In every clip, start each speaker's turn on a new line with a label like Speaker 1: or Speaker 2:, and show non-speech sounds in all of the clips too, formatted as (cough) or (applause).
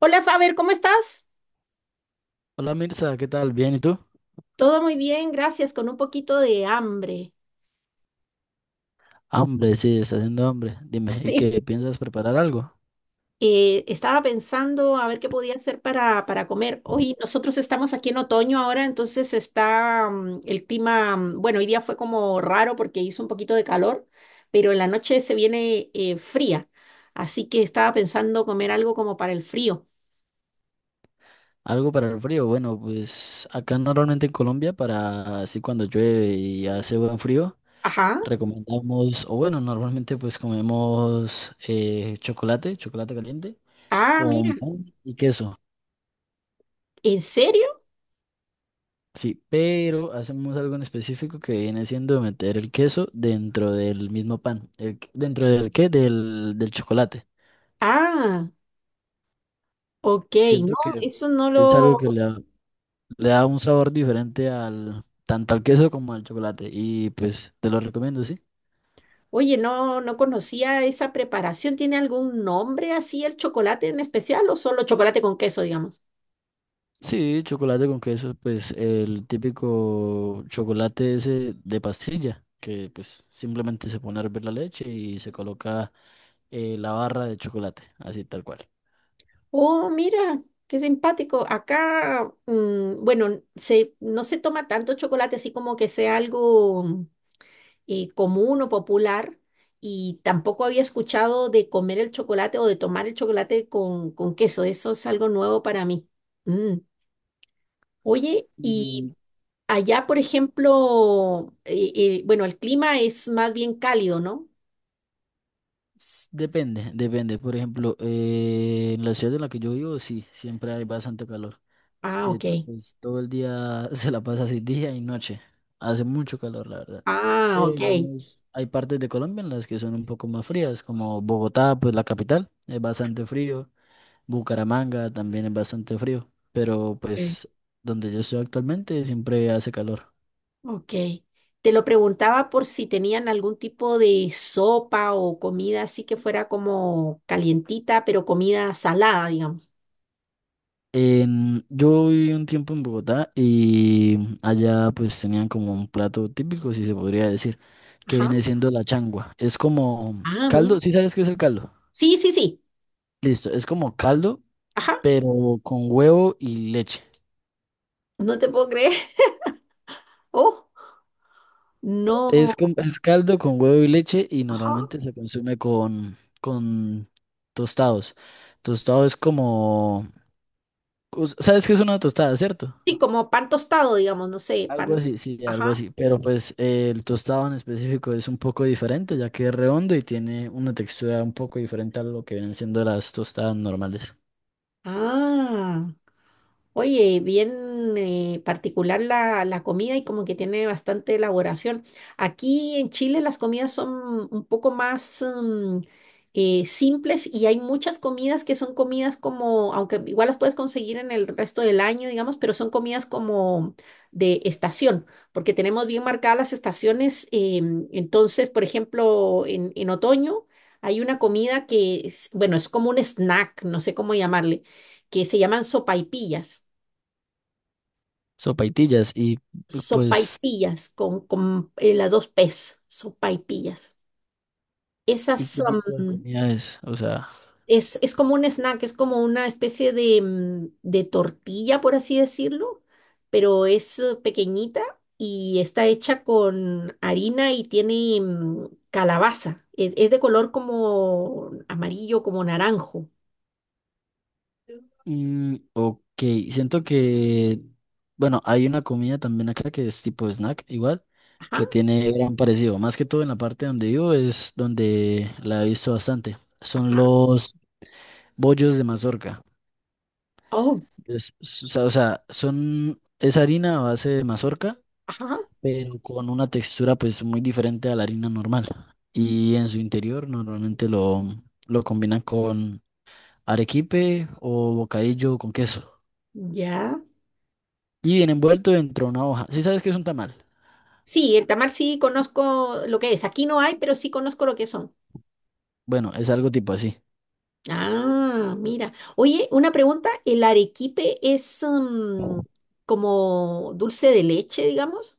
Speaker 1: Hola Faber, ¿cómo estás?
Speaker 2: Hola Mirza, ¿qué tal? ¿Bien y tú?
Speaker 1: Todo muy bien, gracias, con un poquito de hambre.
Speaker 2: Hambre, sí, está haciendo hambre. Dime, ¿y
Speaker 1: Sí.
Speaker 2: qué piensas preparar algo?
Speaker 1: Estaba pensando a ver qué podía hacer para comer. Hoy nosotros estamos aquí en otoño ahora, entonces está el clima, bueno, hoy día fue como raro porque hizo un poquito de calor, pero en la noche se viene fría, así que estaba pensando comer algo como para el frío.
Speaker 2: ¿Algo para el frío? Bueno, pues acá normalmente en Colombia, para así cuando llueve y hace buen frío,
Speaker 1: Ajá.
Speaker 2: recomendamos, o bueno, normalmente pues comemos chocolate, chocolate caliente,
Speaker 1: Ah,
Speaker 2: con
Speaker 1: mira,
Speaker 2: pan y queso.
Speaker 1: ¿en serio?
Speaker 2: Sí, pero hacemos algo en específico que viene siendo meter el queso dentro del mismo pan. El, ¿dentro del qué? Del chocolate.
Speaker 1: Ah, ok, no,
Speaker 2: Siento que
Speaker 1: eso no
Speaker 2: es algo
Speaker 1: lo,
Speaker 2: que le da un sabor diferente al tanto al queso como al chocolate. Y pues te lo recomiendo, ¿sí?
Speaker 1: Oye, no, no conocía esa preparación. ¿Tiene algún nombre así el chocolate en especial o solo chocolate con queso, digamos?
Speaker 2: Sí, chocolate con queso, pues el típico chocolate ese de pastilla, que pues simplemente se pone a hervir la leche y se coloca la barra de chocolate, así tal cual.
Speaker 1: Oh, mira, qué simpático. Acá, mm, no se toma tanto chocolate así como que sea algo común o popular. Y tampoco había escuchado de comer el chocolate o de tomar el chocolate con queso. Eso es algo nuevo para mí. Mm. Oye, y
Speaker 2: Y
Speaker 1: Allá, por ejemplo, bueno, el clima es más bien cálido, ¿no?
Speaker 2: depende, depende. Por ejemplo, en la ciudad en la que yo vivo, sí, siempre hay bastante calor.
Speaker 1: Ah,
Speaker 2: Sí,
Speaker 1: ok.
Speaker 2: pues todo el día (laughs) se la pasa así, día y noche. Hace mucho calor, la verdad.
Speaker 1: Ah,
Speaker 2: Pero
Speaker 1: ok.
Speaker 2: digamos, hay partes de Colombia en las que son un poco más frías, como Bogotá, pues la capital, es bastante frío, Bucaramanga también es bastante frío, pero
Speaker 1: Ok.
Speaker 2: pues donde yo estoy actualmente siempre hace calor.
Speaker 1: Ok. Te lo preguntaba por si tenían algún tipo de sopa o comida así que fuera como calientita, pero comida salada, digamos.
Speaker 2: En, yo viví un tiempo en Bogotá y allá pues tenían como un plato típico, si se podría decir, que
Speaker 1: Ajá.
Speaker 2: viene siendo la changua. Es como
Speaker 1: Ah, mira.
Speaker 2: caldo, ¿sí sabes qué es el caldo?
Speaker 1: Sí, sí, sí.
Speaker 2: Listo, es como caldo,
Speaker 1: Ajá.
Speaker 2: pero con huevo y leche.
Speaker 1: No te puedo creer. (laughs) Oh, no.
Speaker 2: Es, es caldo con huevo y leche y
Speaker 1: Ajá.
Speaker 2: normalmente se consume con tostados. Tostado es como... ¿Sabes qué es una tostada, cierto?
Speaker 1: Sí, como pan tostado, digamos, no sé,
Speaker 2: Algo
Speaker 1: pan.
Speaker 2: así, sí, algo
Speaker 1: Ajá.
Speaker 2: así. Pero pues el tostado en específico es un poco diferente, ya que es redondo y tiene una textura un poco diferente a lo que vienen siendo las tostadas normales.
Speaker 1: Ah. Oye, bien particular la comida y como que tiene bastante elaboración. Aquí en Chile las comidas son un poco más simples y hay muchas comidas que son comidas como, aunque igual las puedes conseguir en el resto del año, digamos, pero son comidas como de estación, porque tenemos bien marcadas las estaciones. Entonces, por ejemplo, en otoño hay una comida que es, bueno, es como un snack, no sé cómo llamarle, que se llaman sopaipillas,
Speaker 2: Sopaitillas y pues...
Speaker 1: sopaipillas con las dos P's, sopaipillas.
Speaker 2: ¿Y
Speaker 1: Esas
Speaker 2: qué tipo de
Speaker 1: am,
Speaker 2: comida es? O sea...
Speaker 1: es como un snack, es como una especie de, de tortilla, por así decirlo, pero es pequeñita y está hecha con harina y tiene calabaza. Es de color como amarillo, como naranjo.
Speaker 2: Mm, ok, siento que, bueno, hay una comida también acá que es tipo snack, igual,
Speaker 1: Ajá,
Speaker 2: que tiene gran parecido. Más que todo en la parte donde vivo es donde la he visto bastante. Son
Speaker 1: ajá.
Speaker 2: los bollos de mazorca.
Speaker 1: Oh,
Speaker 2: O sea, son, es harina a base de mazorca,
Speaker 1: ajá,
Speaker 2: pero con una textura pues muy diferente a la harina normal. Y en su interior normalmente lo combinan con arequipe o bocadillo con queso.
Speaker 1: ya.
Speaker 2: Y viene envuelto dentro de una hoja. ¿Sí sabes qué es un tamal?
Speaker 1: Sí, el tamal sí conozco lo que es. Aquí no hay, pero sí conozco lo que son.
Speaker 2: Bueno, es algo tipo así.
Speaker 1: Ah, mira. Oye, una pregunta, ¿el arequipe es como dulce de leche, digamos?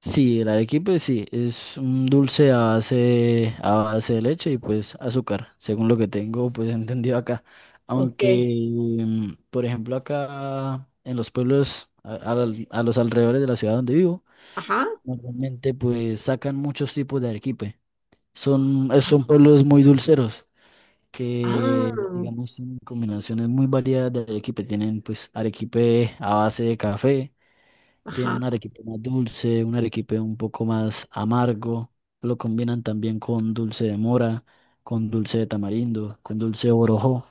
Speaker 2: Sí, el arequipe sí, es un dulce a base de leche y pues azúcar, según lo que tengo pues (laughs) entendido acá.
Speaker 1: Ok.
Speaker 2: Aunque, mm, por ejemplo, acá en los pueblos, a los alrededores de la ciudad donde vivo,
Speaker 1: Ajá.
Speaker 2: normalmente pues sacan muchos tipos de arequipe. Son,
Speaker 1: Ah,
Speaker 2: son pueblos muy dulceros,
Speaker 1: ah,
Speaker 2: que digamos tienen combinaciones muy variadas de arequipe. Tienen pues arequipe a base de café, tienen
Speaker 1: ajá.
Speaker 2: un arequipe más dulce, un arequipe un poco más amargo. Lo combinan también con dulce de mora, con dulce de tamarindo, con dulce de borojó.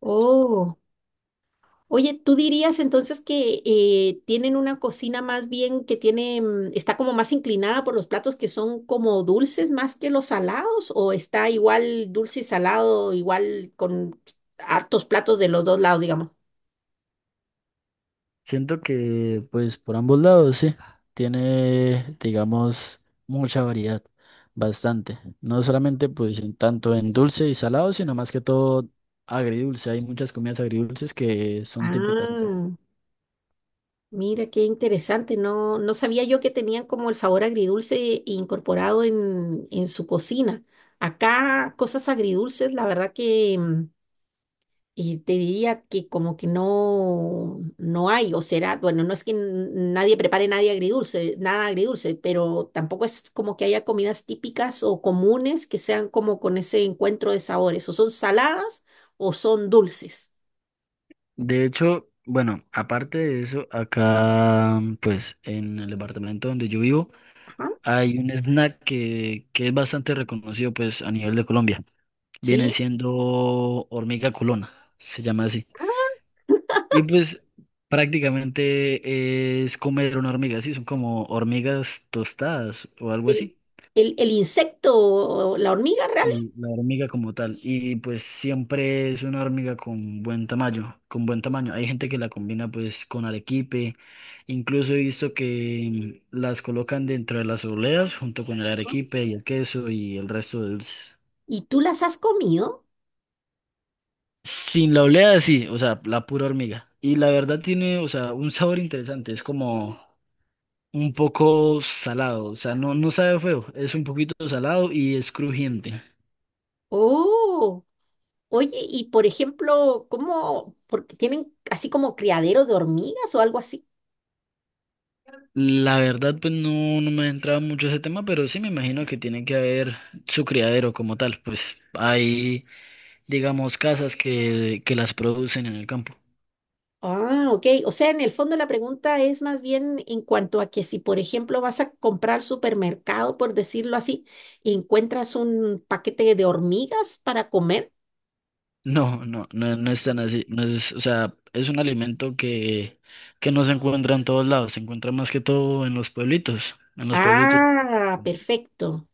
Speaker 1: Oh. Oye, ¿tú dirías entonces que tienen una cocina más bien que tiene, está como más inclinada por los platos que son como dulces más que los salados o está igual dulce y salado, igual con hartos platos de los dos lados, digamos?
Speaker 2: Siento que pues por ambos lados, sí, tiene digamos mucha variedad. Bastante, no solamente pues en tanto en dulce y salado, sino más que todo agridulce. Hay muchas comidas agridulces que son típicas.
Speaker 1: Ah. Mira, qué interesante. No, no sabía yo que tenían como el sabor agridulce incorporado en su cocina. Acá cosas agridulces, la verdad que y te diría que como que no, no hay, o será, bueno, no es que nadie prepare nadie agridulce, nada agridulce, pero tampoco es como que haya comidas típicas o comunes que sean como con ese encuentro de sabores, o son saladas o son dulces.
Speaker 2: De hecho, bueno, aparte de eso, acá, pues, en el departamento donde yo vivo,
Speaker 1: Ajá,
Speaker 2: hay un snack que es bastante reconocido, pues, a nivel de Colombia. Viene
Speaker 1: ¿sí?
Speaker 2: siendo hormiga culona, se llama así. Y pues, prácticamente es comer una hormiga, sí, son como hormigas tostadas o algo
Speaker 1: el,
Speaker 2: así.
Speaker 1: el, insecto, la hormiga real,
Speaker 2: Y la hormiga como tal. Y pues siempre es una hormiga con buen tamaño. Hay gente que la combina pues con arequipe. Incluso he visto que mm, las colocan dentro de las obleas junto con el arequipe y el queso y el resto de dulces.
Speaker 1: y tú las has comido.
Speaker 2: Sin la olea, sí, o sea, la pura hormiga. Y la verdad tiene, o sea, un sabor interesante, es como un poco salado, o sea, no, no sabe feo, es un poquito salado y es crujiente.
Speaker 1: Oh, oye, y por ejemplo, ¿cómo? Porque tienen así como criaderos de hormigas o algo así.
Speaker 2: La verdad, pues no, no me he entrado mucho ese tema, pero sí me imagino que tiene que haber su criadero como tal. Pues hay, digamos, casas que las producen en el campo.
Speaker 1: Ah, ok. O sea, en el fondo la pregunta es más bien en cuanto a que si, por ejemplo, vas a comprar supermercado, por decirlo así, y encuentras un paquete de hormigas para comer.
Speaker 2: No es tan así. No es, o sea, es un alimento que no se encuentra en todos lados, se encuentra más que todo en los pueblitos. En los pueblitos.
Speaker 1: Ah, perfecto.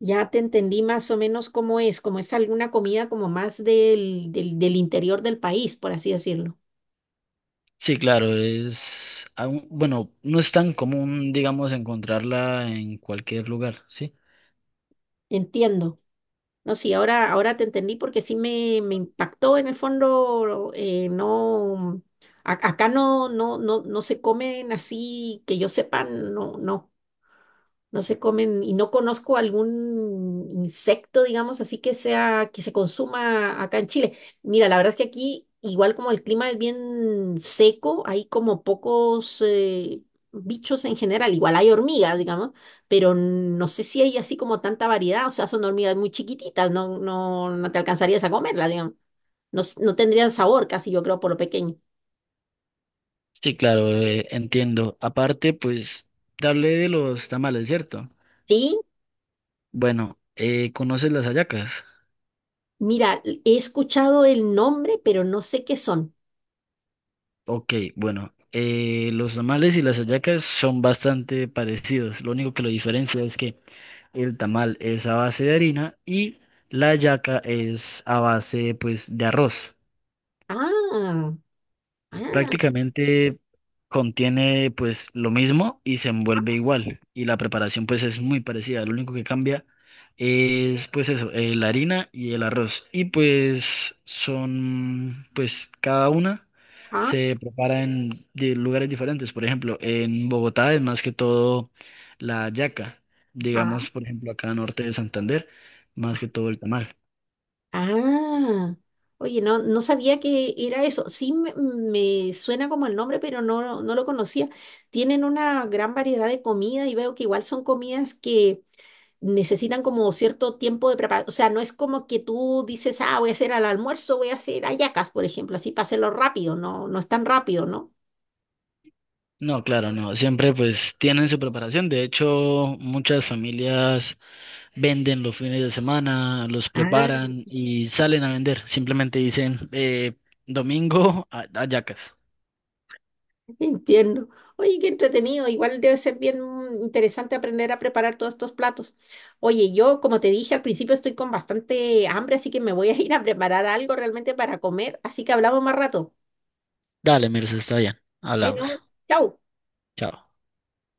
Speaker 1: Ya te entendí más o menos cómo es, como es alguna comida como más del interior del país, por así decirlo.
Speaker 2: Sí, claro, es, bueno, no es tan común, digamos, encontrarla en cualquier lugar, ¿sí?
Speaker 1: Entiendo. No, sí, ahora, ahora te entendí porque me impactó en el fondo, no, acá no, no, no, no se comen así que yo sepa, no, no. No se comen y no conozco algún insecto, digamos, así que sea que se consuma acá en Chile. Mira, la verdad es que aquí, igual como el clima es bien seco, hay como pocos bichos en general. Igual hay hormigas, digamos, pero no sé si hay así como tanta variedad. O sea, son hormigas muy chiquititas, no, no, no te alcanzarías a comerlas, digamos. No, no tendrían sabor casi, yo creo, por lo pequeño.
Speaker 2: Sí, claro, entiendo. Aparte, pues, darle de los tamales, ¿cierto?
Speaker 1: Sí,
Speaker 2: Bueno, ¿conoces las hallacas?
Speaker 1: mira, he escuchado el nombre, pero no sé qué son.
Speaker 2: Ok, bueno, los tamales y las hallacas son bastante parecidos. Lo único que lo diferencia es que el tamal es a base de harina y la hallaca es a base, pues, de arroz.
Speaker 1: Ah, ah.
Speaker 2: Prácticamente contiene pues lo mismo y se envuelve igual y la preparación pues es muy parecida. Lo único que cambia es pues eso, la harina y el arroz. Y pues son pues cada una
Speaker 1: Ajá,
Speaker 2: se prepara en lugares diferentes. Por ejemplo, en Bogotá es más que todo la yaca.
Speaker 1: ajá.
Speaker 2: Digamos, por ejemplo, acá norte de Santander, más que todo el tamal.
Speaker 1: Ah, oye, no, no sabía que era eso. Sí, me suena como el nombre, pero no, no lo conocía. Tienen una gran variedad de comida y veo que igual son comidas que necesitan como cierto tiempo de preparación. O sea, no es como que tú dices, ah, voy a hacer al almuerzo, voy a hacer hallacas, por ejemplo, así para hacerlo rápido. No, no es tan rápido, ¿no?
Speaker 2: No, claro, no. Siempre pues tienen su preparación. De hecho, muchas familias venden los fines de semana, los
Speaker 1: Ah.
Speaker 2: preparan y salen a vender. Simplemente dicen, domingo a Yacas.
Speaker 1: Entiendo. Oye, qué entretenido. Igual debe ser bien interesante aprender a preparar todos estos platos. Oye, yo, como te dije al principio, estoy con bastante hambre, así que me voy a (laughs) ir a preparar algo realmente para comer. Así que hablamos más rato.
Speaker 2: Dale, Mirza, está bien. Hablamos.
Speaker 1: Bueno, chao.
Speaker 2: Chao.